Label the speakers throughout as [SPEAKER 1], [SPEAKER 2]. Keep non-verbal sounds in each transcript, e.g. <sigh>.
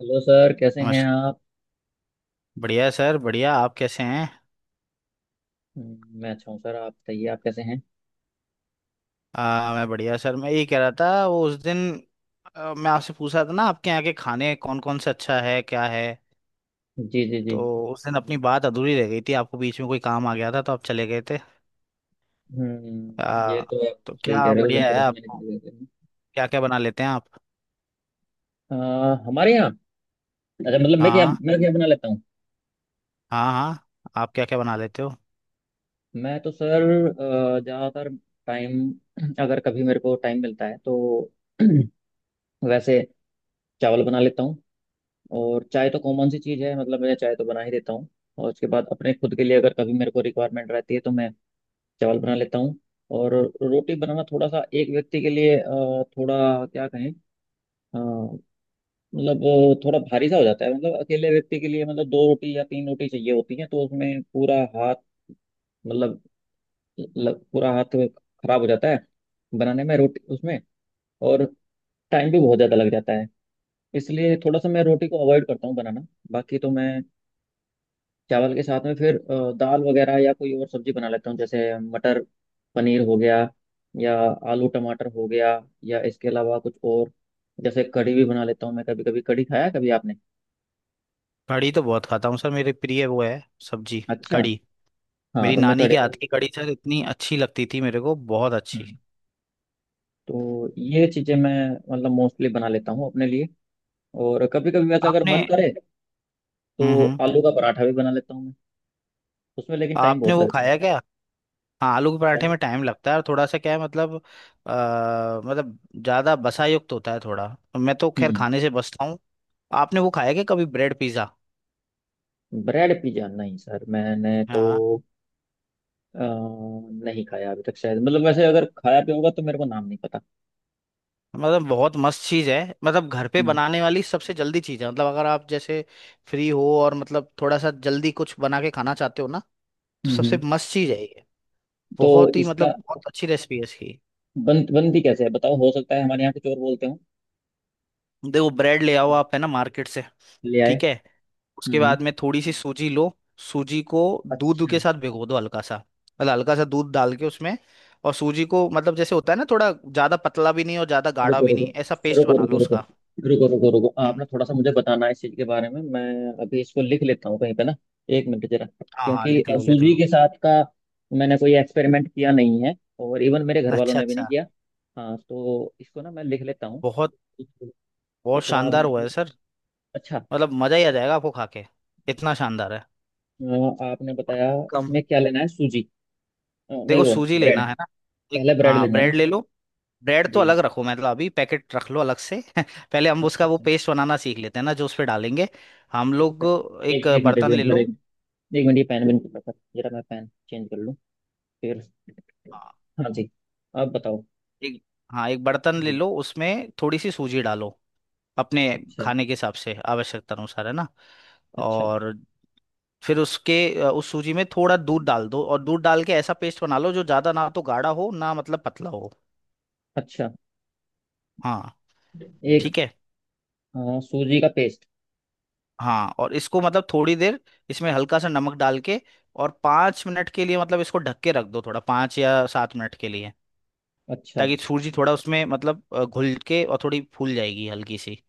[SPEAKER 1] Hello sir, कैसे हैं
[SPEAKER 2] नमस्कार।
[SPEAKER 1] आप।
[SPEAKER 2] बढ़िया है सर, बढ़िया। आप कैसे हैं?
[SPEAKER 1] मैं अच्छा हूँ सर, आप बताइए आप कैसे हैं।
[SPEAKER 2] मैं बढ़िया सर। मैं ये कह रहा था वो उस दिन, मैं आपसे पूछ रहा था ना, आपके यहाँ के खाने कौन कौन से अच्छा है, क्या है?
[SPEAKER 1] जी जी जी।
[SPEAKER 2] तो उस दिन अपनी बात अधूरी रह गई थी, आपको बीच में कोई काम आ गया था तो आप चले गए थे।
[SPEAKER 1] ये
[SPEAKER 2] आ,
[SPEAKER 1] तो
[SPEAKER 2] तो
[SPEAKER 1] आप सही कह
[SPEAKER 2] क्या
[SPEAKER 1] रहे हो, उस दिन
[SPEAKER 2] बढ़िया है
[SPEAKER 1] थोड़ा सा मैंने कर
[SPEAKER 2] आपको,
[SPEAKER 1] दिया
[SPEAKER 2] क्या क्या बना लेते हैं आप?
[SPEAKER 1] था। हमारे यहाँ अच्छा, मतलब मैं क्या
[SPEAKER 2] हाँ,
[SPEAKER 1] मैं क्या बना लेता हूँ।
[SPEAKER 2] हाँ, हाँ। आप क्या क्या बना लेते हो?
[SPEAKER 1] मैं तो सर ज़्यादातर टाइम अगर कभी मेरे को टाइम मिलता है तो <clears throat> वैसे चावल बना लेता हूँ। और चाय तो कॉमन सी चीज़ है, मतलब मैं चाय तो बना ही देता हूँ। और उसके बाद अपने खुद के लिए अगर कभी मेरे को रिक्वायरमेंट रहती है तो मैं चावल बना लेता हूँ। और रोटी बनाना थोड़ा सा एक व्यक्ति के लिए थोड़ा क्या कहें, अ, मतलब थोड़ा भारी सा हो जाता है। मतलब अकेले व्यक्ति के लिए, मतलब दो रोटी या तीन रोटी चाहिए होती है, तो उसमें पूरा हाथ, मतलब पूरा हाथ खराब हो जाता है बनाने में रोटी, उसमें। और टाइम भी बहुत ज़्यादा लग जाता है, इसलिए थोड़ा सा मैं रोटी को अवॉइड करता हूँ बनाना। बाकी तो मैं चावल के साथ में फिर दाल वगैरह या कोई और सब्जी बना लेता हूँ। जैसे मटर पनीर हो गया, या आलू टमाटर हो गया, या इसके अलावा कुछ और, जैसे कढ़ी भी बना लेता हूँ मैं कभी कभी। कढ़ी खाया है कभी आपने।
[SPEAKER 2] कढ़ी तो बहुत खाता हूँ सर, मेरी प्रिय वो है, सब्जी,
[SPEAKER 1] अच्छा।
[SPEAKER 2] कढ़ी।
[SPEAKER 1] हाँ,
[SPEAKER 2] मेरी
[SPEAKER 1] तो मैं
[SPEAKER 2] नानी
[SPEAKER 1] कढ़ी।
[SPEAKER 2] के हाथ की कढ़ी सर इतनी अच्छी लगती थी मेरे को, बहुत अच्छी।
[SPEAKER 1] हम्म, तो ये चीज़ें मैं मतलब मोस्टली बना लेता हूँ अपने लिए। और कभी कभी वैसा अगर
[SPEAKER 2] आपने।
[SPEAKER 1] मन करे तो
[SPEAKER 2] हम्म, हम्म।
[SPEAKER 1] आलू का पराठा भी बना लेता हूँ मैं। उसमें लेकिन टाइम
[SPEAKER 2] आपने
[SPEAKER 1] बहुत
[SPEAKER 2] वो
[SPEAKER 1] लगता है।
[SPEAKER 2] खाया क्या? हाँ, आलू के
[SPEAKER 1] क्या?
[SPEAKER 2] पराठे में टाइम लगता है और थोड़ा सा क्या है मतलब, मतलब ज़्यादा बसा युक्त होता है थोड़ा। मैं तो खैर
[SPEAKER 1] हम्म
[SPEAKER 2] खाने से बचता हूँ। आपने वो खाया क्या कभी, ब्रेड पिज़्ज़ा?
[SPEAKER 1] ब्रेड पिज्जा नहीं सर, मैंने तो
[SPEAKER 2] हाँ,
[SPEAKER 1] अ, नहीं खाया अभी तक शायद। मतलब वैसे अगर खाया भी होगा तो मेरे को नाम नहीं पता।
[SPEAKER 2] मतलब बहुत मस्त चीज़ है। मतलब घर पे
[SPEAKER 1] हम्म
[SPEAKER 2] बनाने वाली सबसे जल्दी चीज़ है। मतलब अगर आप जैसे फ्री हो और मतलब थोड़ा सा जल्दी कुछ बना के खाना चाहते हो ना, तो
[SPEAKER 1] हम्म।
[SPEAKER 2] सबसे मस्त चीज़ है ये।
[SPEAKER 1] तो
[SPEAKER 2] बहुत ही
[SPEAKER 1] इसका
[SPEAKER 2] मतलब बहुत अच्छी रेसिपी है इसकी।
[SPEAKER 1] बनती कैसे है बताओ, हो सकता है हमारे यहाँ कुछ और बोलते हो।
[SPEAKER 2] देखो, ब्रेड ले आओ आप, है ना, मार्केट से।
[SPEAKER 1] ले आए।
[SPEAKER 2] ठीक है। उसके
[SPEAKER 1] हम्म।
[SPEAKER 2] बाद में थोड़ी सी सूजी लो। सूजी को दूध के
[SPEAKER 1] अच्छा।
[SPEAKER 2] साथ भिगो दो हल्का सा। मतलब हल्का सा दूध डाल के उसमें। और सूजी को मतलब, जैसे होता है ना, थोड़ा ज्यादा पतला भी नहीं और ज्यादा गाढ़ा
[SPEAKER 1] रुको
[SPEAKER 2] भी
[SPEAKER 1] रुको
[SPEAKER 2] नहीं, ऐसा पेस्ट
[SPEAKER 1] रुको,
[SPEAKER 2] बना
[SPEAKER 1] रुको
[SPEAKER 2] लो
[SPEAKER 1] रुको
[SPEAKER 2] उसका।
[SPEAKER 1] रुको, रुको रुको।
[SPEAKER 2] हम्म।
[SPEAKER 1] आपने थोड़ा सा मुझे बताना है इस चीज के बारे में। मैं अभी इसको लिख लेता हूँ कहीं पे ना, एक मिनट जरा,
[SPEAKER 2] हाँ, हाँ,
[SPEAKER 1] क्योंकि
[SPEAKER 2] लिख लो, लिख
[SPEAKER 1] सूजी
[SPEAKER 2] लो।
[SPEAKER 1] के साथ का मैंने कोई एक्सपेरिमेंट किया नहीं है, और इवन मेरे घर वालों
[SPEAKER 2] अच्छा,
[SPEAKER 1] ने भी नहीं
[SPEAKER 2] अच्छा।
[SPEAKER 1] किया। हाँ, तो इसको ना मैं लिख लेता हूँ।
[SPEAKER 2] बहुत
[SPEAKER 1] तो
[SPEAKER 2] बहुत
[SPEAKER 1] थोड़ा आप
[SPEAKER 2] शानदार
[SPEAKER 1] मेरे
[SPEAKER 2] हुआ है
[SPEAKER 1] को।
[SPEAKER 2] सर।
[SPEAKER 1] अच्छा,
[SPEAKER 2] मतलब मजा ही आ जाएगा आपको खा के, इतना शानदार है।
[SPEAKER 1] अ, आपने
[SPEAKER 2] और
[SPEAKER 1] बताया
[SPEAKER 2] कम।
[SPEAKER 1] इसमें क्या लेना है, सूजी? नहीं
[SPEAKER 2] देखो
[SPEAKER 1] वो
[SPEAKER 2] सूजी लेना
[SPEAKER 1] ब्रेड,
[SPEAKER 2] है ना, एक,
[SPEAKER 1] पहले ब्रेड
[SPEAKER 2] हाँ,
[SPEAKER 1] लेना है
[SPEAKER 2] ब्रेड
[SPEAKER 1] ना।
[SPEAKER 2] ले लो। ब्रेड तो
[SPEAKER 1] जी।
[SPEAKER 2] अलग रखो, मतलब अभी पैकेट रख लो अलग से <laughs> पहले हम
[SPEAKER 1] अच्छा
[SPEAKER 2] उसका वो
[SPEAKER 1] अच्छा।
[SPEAKER 2] पेस्ट बनाना सीख लेते हैं ना, जो उस पे डालेंगे हम
[SPEAKER 1] अरे तो
[SPEAKER 2] लोग।
[SPEAKER 1] पहले
[SPEAKER 2] एक
[SPEAKER 1] एक, एक मिनट, एक
[SPEAKER 2] बर्तन ले
[SPEAKER 1] मिनट, फिर
[SPEAKER 2] लो।
[SPEAKER 1] एक एक मिनट ये पेन बन के, जरा मैं पेन चेंज कर लूँ फिर।
[SPEAKER 2] हाँ,
[SPEAKER 1] हाँ जी, आप बताओ।
[SPEAKER 2] एक, हाँ एक बर्तन ले
[SPEAKER 1] जी।
[SPEAKER 2] लो, उसमें थोड़ी सी सूजी डालो, अपने
[SPEAKER 1] अच्छा
[SPEAKER 2] खाने के हिसाब से आवश्यकता अनुसार, है ना।
[SPEAKER 1] अच्छा
[SPEAKER 2] और फिर उसके, उस सूजी में थोड़ा दूध डाल दो, और दूध डाल के ऐसा पेस्ट बना लो जो ज़्यादा ना तो गाढ़ा हो ना मतलब पतला हो।
[SPEAKER 1] अच्छा।
[SPEAKER 2] हाँ।
[SPEAKER 1] एक
[SPEAKER 2] ठीक है।
[SPEAKER 1] हाँ, सूजी का पेस्ट।
[SPEAKER 2] हाँ, और इसको मतलब थोड़ी देर, इसमें हल्का सा नमक डाल के और 5 मिनट के लिए, मतलब इसको ढक के रख दो थोड़ा, 5 या 7 मिनट के लिए,
[SPEAKER 1] अच्छा,
[SPEAKER 2] ताकि सूजी थोड़ा उसमें मतलब घुल के और थोड़ी फूल जाएगी हल्की सी।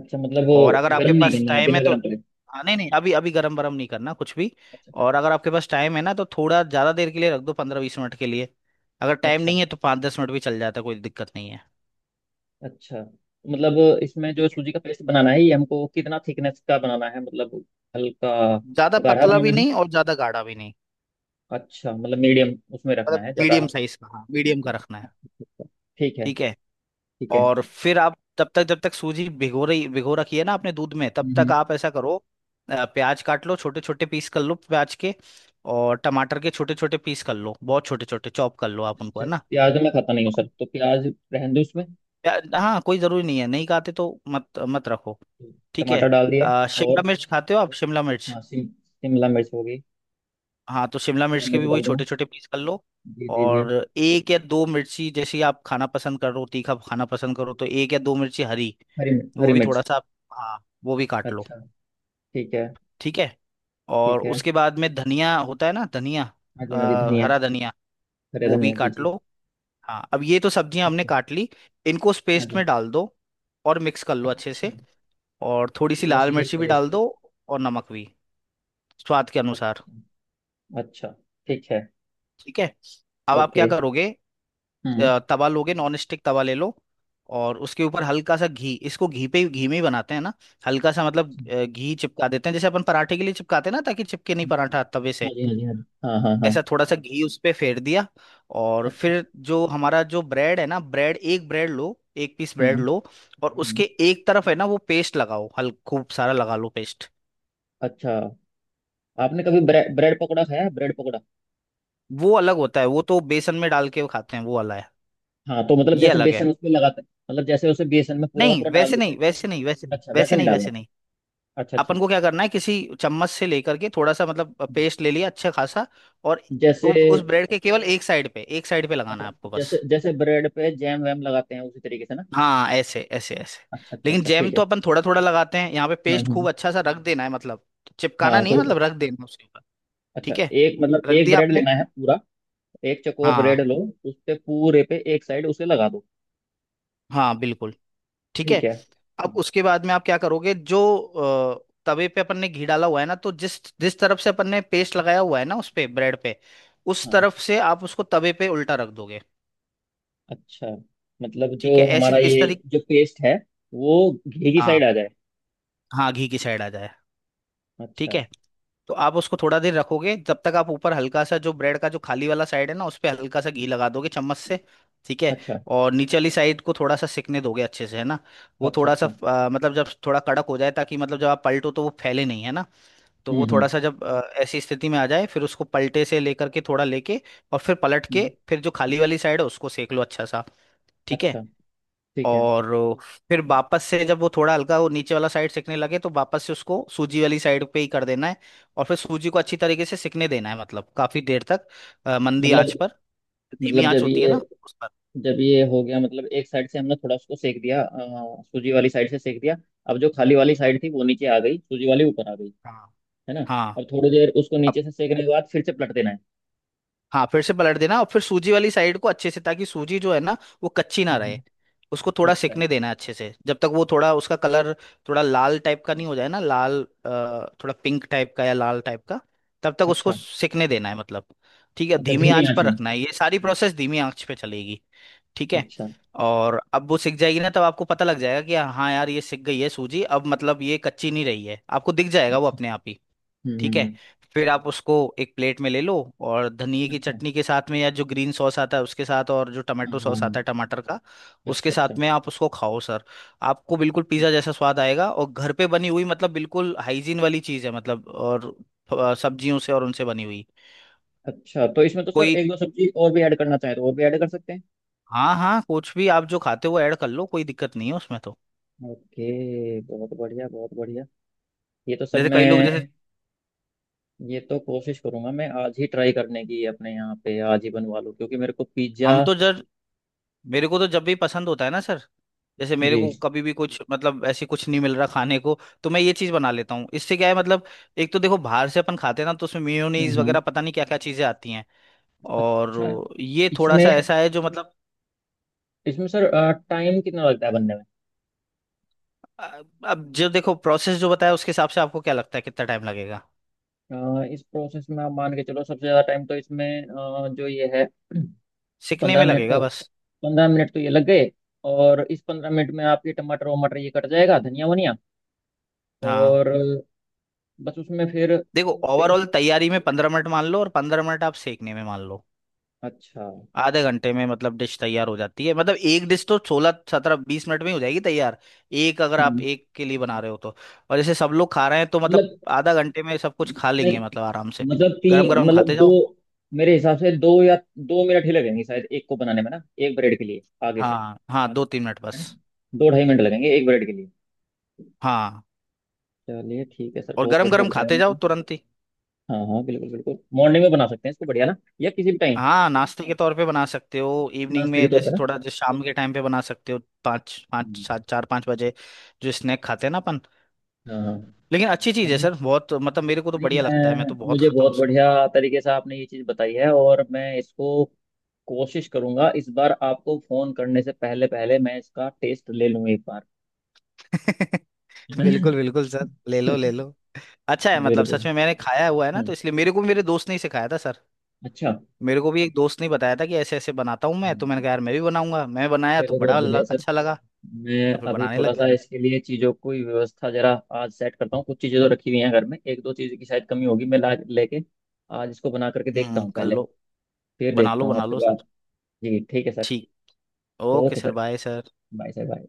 [SPEAKER 1] अच्छा मतलब वो
[SPEAKER 2] और अगर
[SPEAKER 1] गर्म
[SPEAKER 2] आपके मतलब
[SPEAKER 1] नहीं
[SPEAKER 2] पास
[SPEAKER 1] करना है,
[SPEAKER 2] टाइम है
[SPEAKER 1] बिना
[SPEAKER 2] तो,
[SPEAKER 1] गर्म करे?
[SPEAKER 2] हाँ नहीं नहीं, अभी अभी गरम गरम नहीं करना कुछ भी।
[SPEAKER 1] अच्छा अच्छा।
[SPEAKER 2] और अगर आपके पास टाइम है ना, तो थोड़ा ज़्यादा देर के लिए रख दो, 15 20 मिनट के लिए। अगर टाइम
[SPEAKER 1] अच्छा
[SPEAKER 2] नहीं है तो 5 10 मिनट भी चल जाता है, कोई दिक्कत नहीं है।
[SPEAKER 1] अच्छा। मतलब इसमें जो
[SPEAKER 2] ठीक है।
[SPEAKER 1] सूजी का पेस्ट बनाना है, ये हमको कितना थिकनेस का बनाना है? मतलब हल्का
[SPEAKER 2] ज़्यादा
[SPEAKER 1] गाढ़ा
[SPEAKER 2] पतला भी
[SPEAKER 1] बनाना।
[SPEAKER 2] नहीं और ज़्यादा गाढ़ा भी नहीं,
[SPEAKER 1] अच्छा, मतलब मीडियम उसमें रखना
[SPEAKER 2] मतलब
[SPEAKER 1] है ज्यादा।
[SPEAKER 2] मीडियम साइज का, हाँ मीडियम का रखना है।
[SPEAKER 1] ठीक है।
[SPEAKER 2] ठीक है।
[SPEAKER 1] ठीक है।
[SPEAKER 2] और फिर आप तब तक, जब तक सूजी भिगो रखी है ना आपने दूध में, तब तक
[SPEAKER 1] हम्म।
[SPEAKER 2] आप ऐसा करो, प्याज काट लो, छोटे छोटे पीस कर लो प्याज के। और टमाटर के छोटे छोटे पीस कर लो, बहुत छोटे छोटे चॉप कर लो आप उनको,
[SPEAKER 1] अच्छा,
[SPEAKER 2] है ना।
[SPEAKER 1] प्याज तो मैं खाता नहीं हूँ सर, तो प्याज रहने दो उसमें।
[SPEAKER 2] हाँ कोई ज़रूरी नहीं है, नहीं खाते तो मत मत रखो। ठीक है।
[SPEAKER 1] टमाटर डाल दिया।
[SPEAKER 2] शिमला
[SPEAKER 1] और
[SPEAKER 2] मिर्च खाते हो आप, शिमला मिर्च?
[SPEAKER 1] हाँ, शिमला मिर्च होगी।
[SPEAKER 2] हाँ तो शिमला मिर्च
[SPEAKER 1] शिमला
[SPEAKER 2] के भी
[SPEAKER 1] मिर्च
[SPEAKER 2] वही
[SPEAKER 1] डाल दूंगा।
[SPEAKER 2] छोटे छोटे पीस कर लो।
[SPEAKER 1] जी जी जी।
[SPEAKER 2] और एक या दो मिर्ची, जैसे आप खाना पसंद करो, तीखा खाना पसंद करो तो एक या दो मिर्ची हरी,
[SPEAKER 1] हरी मिर्च,
[SPEAKER 2] वो
[SPEAKER 1] हरी
[SPEAKER 2] भी थोड़ा
[SPEAKER 1] मिर्च।
[SPEAKER 2] सा हाँ वो भी काट लो।
[SPEAKER 1] अच्छा। ठीक है।
[SPEAKER 2] ठीक है। और
[SPEAKER 1] ठीक है।
[SPEAKER 2] उसके बाद में धनिया होता है ना, धनिया,
[SPEAKER 1] हाँ जी, हाँ जी, धनिया।
[SPEAKER 2] हरा धनिया,
[SPEAKER 1] हरे
[SPEAKER 2] वो भी
[SPEAKER 1] धनिया, जी
[SPEAKER 2] काट
[SPEAKER 1] जी।
[SPEAKER 2] लो। हाँ अब ये तो सब्जियां हमने
[SPEAKER 1] अच्छा।
[SPEAKER 2] काट ली, इनको उस
[SPEAKER 1] हाँ
[SPEAKER 2] पेस्ट में
[SPEAKER 1] जी।
[SPEAKER 2] डाल दो और मिक्स कर लो अच्छे
[SPEAKER 1] अच्छा।
[SPEAKER 2] से। और थोड़ी सी
[SPEAKER 1] प्लस
[SPEAKER 2] लाल
[SPEAKER 1] ये
[SPEAKER 2] मिर्ची भी डाल
[SPEAKER 1] पेस्ट।
[SPEAKER 2] दो, और नमक भी स्वाद के अनुसार।
[SPEAKER 1] अच्छा अच्छा। ठीक है।
[SPEAKER 2] ठीक है। अब आप
[SPEAKER 1] ओके।
[SPEAKER 2] क्या करोगे,
[SPEAKER 1] हम्म।
[SPEAKER 2] तवा लोगे, नॉन स्टिक तवा ले लो, और उसके ऊपर हल्का सा घी, इसको घी पे घी में ही बनाते हैं ना। हल्का सा मतलब,
[SPEAKER 1] अच्छा,
[SPEAKER 2] घी चिपका देते हैं, जैसे अपन पराठे के लिए चिपकाते हैं ना, ताकि चिपके नहीं
[SPEAKER 1] हम्म,
[SPEAKER 2] पराठा तवे से।
[SPEAKER 1] हाँ जी, हाँ जी, हाँ जी, हाँ हाँ हाँ।
[SPEAKER 2] ऐसा थोड़ा सा घी उस पे फेर दिया। और
[SPEAKER 1] अच्छा।
[SPEAKER 2] फिर जो हमारा जो ब्रेड है ना, ब्रेड, एक ब्रेड लो, एक पीस
[SPEAKER 1] हम्म
[SPEAKER 2] ब्रेड लो। और
[SPEAKER 1] हम्म।
[SPEAKER 2] उसके एक तरफ है ना वो पेस्ट लगाओ, हल खूब सारा लगा लो पेस्ट।
[SPEAKER 1] अच्छा। आपने कभी ब्रेड ब्रेड पकौड़ा खाया है, ब्रेड पकौड़ा?
[SPEAKER 2] वो अलग होता है, वो तो बेसन में डाल के खाते हैं वो वाला है।
[SPEAKER 1] हाँ तो मतलब
[SPEAKER 2] ये
[SPEAKER 1] जैसे
[SPEAKER 2] अलग है।
[SPEAKER 1] बेसन उसमें लगाते हैं, मतलब जैसे उसे बेसन में पूरा का
[SPEAKER 2] नहीं
[SPEAKER 1] पूरा डाल
[SPEAKER 2] वैसे नहीं,
[SPEAKER 1] देते हैं।
[SPEAKER 2] वैसे नहीं, वैसे नहीं,
[SPEAKER 1] अच्छा, वैसा
[SPEAKER 2] वैसे
[SPEAKER 1] नहीं
[SPEAKER 2] नहीं,
[SPEAKER 1] डालना।
[SPEAKER 2] वैसे नहीं।
[SPEAKER 1] अच्छा अच्छा।
[SPEAKER 2] अपन को क्या करना है, किसी चम्मच से लेकर के थोड़ा सा मतलब पेस्ट ले लिया अच्छा खासा। और
[SPEAKER 1] जैसे
[SPEAKER 2] उस ब्रेड के केवल एक साइड पे, एक साइड पे लगाना
[SPEAKER 1] अच्छा,
[SPEAKER 2] है आपको बस।
[SPEAKER 1] जैसे जैसे ब्रेड पे जैम वैम लगाते हैं उसी तरीके से ना।
[SPEAKER 2] हाँ, ऐसे ऐसे ऐसे।
[SPEAKER 1] अच्छा अच्छा
[SPEAKER 2] लेकिन
[SPEAKER 1] अच्छा,
[SPEAKER 2] जैम
[SPEAKER 1] ठीक है।
[SPEAKER 2] तो अपन थोड़ा थोड़ा लगाते हैं, यहाँ पे
[SPEAKER 1] हाँ
[SPEAKER 2] पेस्ट
[SPEAKER 1] हाँ।
[SPEAKER 2] खूब अच्छा सा रख देना है मतलब, चिपकाना
[SPEAKER 1] हाँ
[SPEAKER 2] नहीं है
[SPEAKER 1] कोई बात-।
[SPEAKER 2] मतलब, रख देना उसके ऊपर।
[SPEAKER 1] अच्छा,
[SPEAKER 2] ठीक है।
[SPEAKER 1] एक मतलब
[SPEAKER 2] रख
[SPEAKER 1] एक
[SPEAKER 2] दिया
[SPEAKER 1] ब्रेड
[SPEAKER 2] आपने।
[SPEAKER 1] लेना है पूरा, एक चकोर
[SPEAKER 2] हाँ
[SPEAKER 1] ब्रेड लो, उस पे पूरे पे एक साइड उसे लगा दो।
[SPEAKER 2] हाँ बिल्कुल। ठीक है।
[SPEAKER 1] ठीक है,
[SPEAKER 2] अब उसके बाद में आप क्या करोगे, जो तवे पे अपन ने घी डाला हुआ है ना, तो जिस जिस तरफ से अपन ने पेस्ट लगाया हुआ है ना, उस पे ब्रेड पे, उस
[SPEAKER 1] हाँ।
[SPEAKER 2] तरफ से आप उसको तवे पे उल्टा रख दोगे।
[SPEAKER 1] अच्छा, मतलब जो
[SPEAKER 2] ठीक है, ऐसी
[SPEAKER 1] हमारा
[SPEAKER 2] इस
[SPEAKER 1] ये
[SPEAKER 2] तरीके।
[SPEAKER 1] जो पेस्ट है, वो घी की
[SPEAKER 2] हाँ,
[SPEAKER 1] साइड आ जाए।
[SPEAKER 2] हाँ घी की साइड आ जाए। ठीक
[SPEAKER 1] अच्छा।
[SPEAKER 2] है। तो आप उसको थोड़ा देर रखोगे, जब तक आप ऊपर हल्का सा जो ब्रेड का जो खाली वाला साइड है ना, उस पे हल्का सा घी लगा दोगे चम्मच से। ठीक है।
[SPEAKER 1] अच्छा
[SPEAKER 2] और नीचे वाली साइड को थोड़ा सा सिकने दोगे अच्छे से, है ना। वो
[SPEAKER 1] अच्छा।
[SPEAKER 2] थोड़ा सा
[SPEAKER 1] अच्छा,
[SPEAKER 2] मतलब जब थोड़ा कड़क हो जाए, ताकि मतलब जब आप पलटो तो वो फैले नहीं, है ना। तो
[SPEAKER 1] हम्म
[SPEAKER 2] वो
[SPEAKER 1] हम्म
[SPEAKER 2] थोड़ा सा जब ऐसी स्थिति में आ जाए, फिर उसको पलटे से लेकर के थोड़ा लेके, और फिर पलट के,
[SPEAKER 1] हम्म,
[SPEAKER 2] फिर जो खाली वाली साइड है उसको सेक लो अच्छा सा। ठीक है।
[SPEAKER 1] अच्छा। ठीक है।
[SPEAKER 2] और फिर वापस से जब वो थोड़ा हल्का वो नीचे वाला साइड सिकने लगे, तो वापस से उसको सूजी वाली साइड पे ही कर देना है। और फिर सूजी को अच्छी तरीके से सिकने देना है, मतलब काफी देर तक, मंदी आंच
[SPEAKER 1] मतलब
[SPEAKER 2] पर। धीमी
[SPEAKER 1] मतलब
[SPEAKER 2] आंच
[SPEAKER 1] जब
[SPEAKER 2] होती है
[SPEAKER 1] ये
[SPEAKER 2] ना उस पर।
[SPEAKER 1] जब ये हो गया, मतलब एक साइड से हमने थोड़ा उसको सेक दिया, सूजी वाली साइड से सेक दिया, अब जो खाली वाली साइड थी वो नीचे आ गई, सूजी वाली ऊपर आ गई,
[SPEAKER 2] हाँ
[SPEAKER 1] है ना।
[SPEAKER 2] हाँ
[SPEAKER 1] अब थोड़ी देर उसको नीचे से सेकने के बाद फिर से पलट देना है।
[SPEAKER 2] हाँ, फिर से पलट देना और फिर सूजी वाली साइड को अच्छे से, ताकि सूजी जो है ना, वो कच्ची ना रहे।
[SPEAKER 1] हम्म,
[SPEAKER 2] उसको थोड़ा
[SPEAKER 1] अच्छा।
[SPEAKER 2] सिकने देना है अच्छे से, जब तक वो थोड़ा उसका कलर थोड़ा लाल टाइप का नहीं हो जाए ना, लाल, थोड़ा पिंक टाइप का या लाल टाइप का, तब तक उसको
[SPEAKER 1] अच्छा,
[SPEAKER 2] सिकने देना है मतलब। ठीक है,
[SPEAKER 1] अच्छा
[SPEAKER 2] धीमी
[SPEAKER 1] धीमी
[SPEAKER 2] आंच
[SPEAKER 1] आंच
[SPEAKER 2] पर
[SPEAKER 1] में।
[SPEAKER 2] रखना है, ये सारी प्रोसेस धीमी आंच पे चलेगी। ठीक है।
[SPEAKER 1] अच्छा।
[SPEAKER 2] और अब वो सिक जाएगी ना, तब आपको पता लग जाएगा कि हाँ यार ये सिक गई है सूजी, अब मतलब ये कच्ची नहीं रही है, आपको दिख जाएगा वो
[SPEAKER 1] अच्छा,
[SPEAKER 2] अपने आप ही।
[SPEAKER 1] हम्म
[SPEAKER 2] ठीक
[SPEAKER 1] हम्म
[SPEAKER 2] है।
[SPEAKER 1] हम्म,
[SPEAKER 2] फिर आप उसको एक प्लेट में ले लो, और धनिए की
[SPEAKER 1] अच्छा।
[SPEAKER 2] चटनी के साथ में, या जो ग्रीन सॉस आता है उसके साथ, और जो
[SPEAKER 1] हाँ
[SPEAKER 2] टमाटो
[SPEAKER 1] हाँ
[SPEAKER 2] सॉस
[SPEAKER 1] हाँ,
[SPEAKER 2] आता है टमाटर का, उसके
[SPEAKER 1] अच्छा अच्छा।
[SPEAKER 2] साथ में आप उसको खाओ सर। आपको बिल्कुल
[SPEAKER 1] ठीक।
[SPEAKER 2] पिज़्ज़ा जैसा स्वाद आएगा, और घर पे बनी हुई, मतलब बिल्कुल हाइजीन वाली चीज़ है मतलब, और सब्जियों से और उनसे बनी हुई।
[SPEAKER 1] अच्छा, तो इसमें तो सर
[SPEAKER 2] कोई,
[SPEAKER 1] एक दो सब्जी और भी ऐड करना चाहे तो और भी ऐड कर सकते हैं।
[SPEAKER 2] हाँ हाँ, कुछ भी आप जो खाते हो ऐड कर लो, कोई दिक्कत नहीं है उसमें तो।
[SPEAKER 1] ओके, बहुत बढ़िया, बहुत बढ़िया। ये तो सर
[SPEAKER 2] जैसे कई लोग जैसे,
[SPEAKER 1] मैं ये तो कोशिश करूंगा, मैं आज ही ट्राई करने की अपने यहाँ पे आज ही बनवा लूँ, क्योंकि मेरे को पिज्ज़ा।
[SPEAKER 2] हम तो जर मेरे को तो जब भी पसंद होता है ना सर, जैसे मेरे को
[SPEAKER 1] जी।
[SPEAKER 2] कभी भी कुछ मतलब ऐसे कुछ नहीं मिल रहा खाने को, तो मैं ये चीज बना लेता हूँ। इससे क्या है मतलब, एक तो देखो बाहर से अपन खाते हैं ना तो उसमें मेयोनीज
[SPEAKER 1] हम्म हम्म।
[SPEAKER 2] वगैरह पता नहीं क्या क्या चीजें आती हैं। और
[SPEAKER 1] अच्छा,
[SPEAKER 2] ये थोड़ा
[SPEAKER 1] इसमें
[SPEAKER 2] सा ऐसा है जो मतलब,
[SPEAKER 1] इसमें सर टाइम कितना लगता है बनने में?
[SPEAKER 2] अ- अब जो देखो प्रोसेस जो बताया उसके हिसाब से आपको क्या लगता है कितना टाइम लगेगा,
[SPEAKER 1] इस प्रोसेस में आप मान के चलो सबसे ज़्यादा टाइम तो इसमें जो ये है
[SPEAKER 2] सीखने
[SPEAKER 1] पंद्रह
[SPEAKER 2] में
[SPEAKER 1] मिनट तो,
[SPEAKER 2] लगेगा बस।
[SPEAKER 1] ये लग गए। और इस 15 मिनट में आपके टमाटर वमाटर ये कट जाएगा, धनिया वनिया,
[SPEAKER 2] हाँ
[SPEAKER 1] और बस उसमें फिर
[SPEAKER 2] देखो,
[SPEAKER 1] पेस्ट।
[SPEAKER 2] ओवरऑल तैयारी में 15 मिनट मान लो, और 15 मिनट आप सीखने में मान लो,
[SPEAKER 1] अच्छा।
[SPEAKER 2] आधे घंटे में मतलब डिश तैयार हो जाती है। मतलब एक डिश तो 16 17 20 मिनट में ही हो जाएगी तैयार, एक, अगर आप
[SPEAKER 1] हम्म।
[SPEAKER 2] एक के लिए बना रहे हो तो। और जैसे सब लोग खा रहे हैं तो मतलब
[SPEAKER 1] मतलब
[SPEAKER 2] आधा घंटे में सब कुछ खा लेंगे
[SPEAKER 1] नहीं,
[SPEAKER 2] मतलब, आराम से।
[SPEAKER 1] मतलब
[SPEAKER 2] गरम
[SPEAKER 1] तीन,
[SPEAKER 2] गरम
[SPEAKER 1] मतलब
[SPEAKER 2] खाते
[SPEAKER 1] दो।
[SPEAKER 2] जाओ।
[SPEAKER 1] मेरे हिसाब से दो या 2 मिनट ही लगेंगे शायद एक को बनाने में ना, एक ब्रेड के लिए, आगे से,
[SPEAKER 2] हाँ हाँ, 2 3 मिनट
[SPEAKER 1] है ना।
[SPEAKER 2] बस।
[SPEAKER 1] दो ढाई मिनट लगेंगे एक ब्रेड के लिए।
[SPEAKER 2] हाँ,
[SPEAKER 1] चलिए ठीक है सर,
[SPEAKER 2] और
[SPEAKER 1] बहुत
[SPEAKER 2] गरम
[SPEAKER 1] बढ़िया
[SPEAKER 2] गरम
[SPEAKER 1] बताया
[SPEAKER 2] खाते जाओ
[SPEAKER 1] आपने।
[SPEAKER 2] तुरंत ही।
[SPEAKER 1] हाँ हाँ, बिल्कुल बिल्कुल, मॉर्निंग में बना सकते हैं इसको, बढ़िया ना, या किसी भी टाइम।
[SPEAKER 2] हाँ, नाश्ते के तौर पे बना सकते हो, इवनिंग
[SPEAKER 1] नाश्ते के
[SPEAKER 2] में
[SPEAKER 1] तौर पर
[SPEAKER 2] जैसे,
[SPEAKER 1] ना।
[SPEAKER 2] थोड़ा जैसे शाम के टाइम पे बना सकते हो, पाँच पाँच
[SPEAKER 1] हम्म,
[SPEAKER 2] सात, 4 5 बजे, जो स्नैक खाते हैं ना अपन।
[SPEAKER 1] हाँ हाँ।
[SPEAKER 2] लेकिन अच्छी चीज़ है
[SPEAKER 1] चलिए,
[SPEAKER 2] सर, बहुत, मतलब मेरे को तो
[SPEAKER 1] नहीं
[SPEAKER 2] बढ़िया लगता है, मैं तो
[SPEAKER 1] मैं
[SPEAKER 2] बहुत
[SPEAKER 1] मुझे
[SPEAKER 2] खाता हूँ।
[SPEAKER 1] बहुत बढ़िया तरीके से आपने ये चीज़ बताई है, और मैं इसको कोशिश करूंगा इस बार। आपको फोन करने से पहले पहले मैं इसका टेस्ट ले लूँ एक बार,
[SPEAKER 2] उसको
[SPEAKER 1] है
[SPEAKER 2] <laughs> बिल्कुल बिल्कुल सर,
[SPEAKER 1] ना।
[SPEAKER 2] ले लो, ले
[SPEAKER 1] <laughs>
[SPEAKER 2] लो। अच्छा है,
[SPEAKER 1] वेरी
[SPEAKER 2] मतलब
[SPEAKER 1] गुड।
[SPEAKER 2] सच में मैंने खाया हुआ है ना,
[SPEAKER 1] हम्म,
[SPEAKER 2] तो इसलिए, मेरे को भी मेरे दोस्त ने ही सिखाया था सर।
[SPEAKER 1] अच्छा।
[SPEAKER 2] मेरे को भी एक दोस्त ने बताया था कि ऐसे ऐसे बनाता हूँ मैं, तो मैंने
[SPEAKER 1] हम्म,
[SPEAKER 2] कहा यार मैं भी बनाऊंगा, मैं बनाया तो
[SPEAKER 1] चलो
[SPEAKER 2] बड़ा
[SPEAKER 1] बहुत बढ़िया सर।
[SPEAKER 2] अच्छा लगा।
[SPEAKER 1] मैं
[SPEAKER 2] तो फिर
[SPEAKER 1] अभी
[SPEAKER 2] बनाने
[SPEAKER 1] थोड़ा
[SPEAKER 2] लग गया।
[SPEAKER 1] सा इसके लिए चीज़ों की व्यवस्था जरा आज सेट करता हूँ। कुछ चीज़ें तो रखी हुई हैं घर में, एक दो चीज़ की शायद कमी होगी, मैं ला लेके आज इसको बना करके देखता
[SPEAKER 2] हम्म,
[SPEAKER 1] हूँ
[SPEAKER 2] कर
[SPEAKER 1] पहले।
[SPEAKER 2] लो,
[SPEAKER 1] फिर
[SPEAKER 2] बना
[SPEAKER 1] देखता
[SPEAKER 2] लो,
[SPEAKER 1] हूँ
[SPEAKER 2] बना
[SPEAKER 1] आपसे
[SPEAKER 2] लो सर।
[SPEAKER 1] बात। जी ठीक है सर।
[SPEAKER 2] ठीक। Okay
[SPEAKER 1] okay
[SPEAKER 2] sir,
[SPEAKER 1] sir,
[SPEAKER 2] bye sir.
[SPEAKER 1] Bye sir. Bye.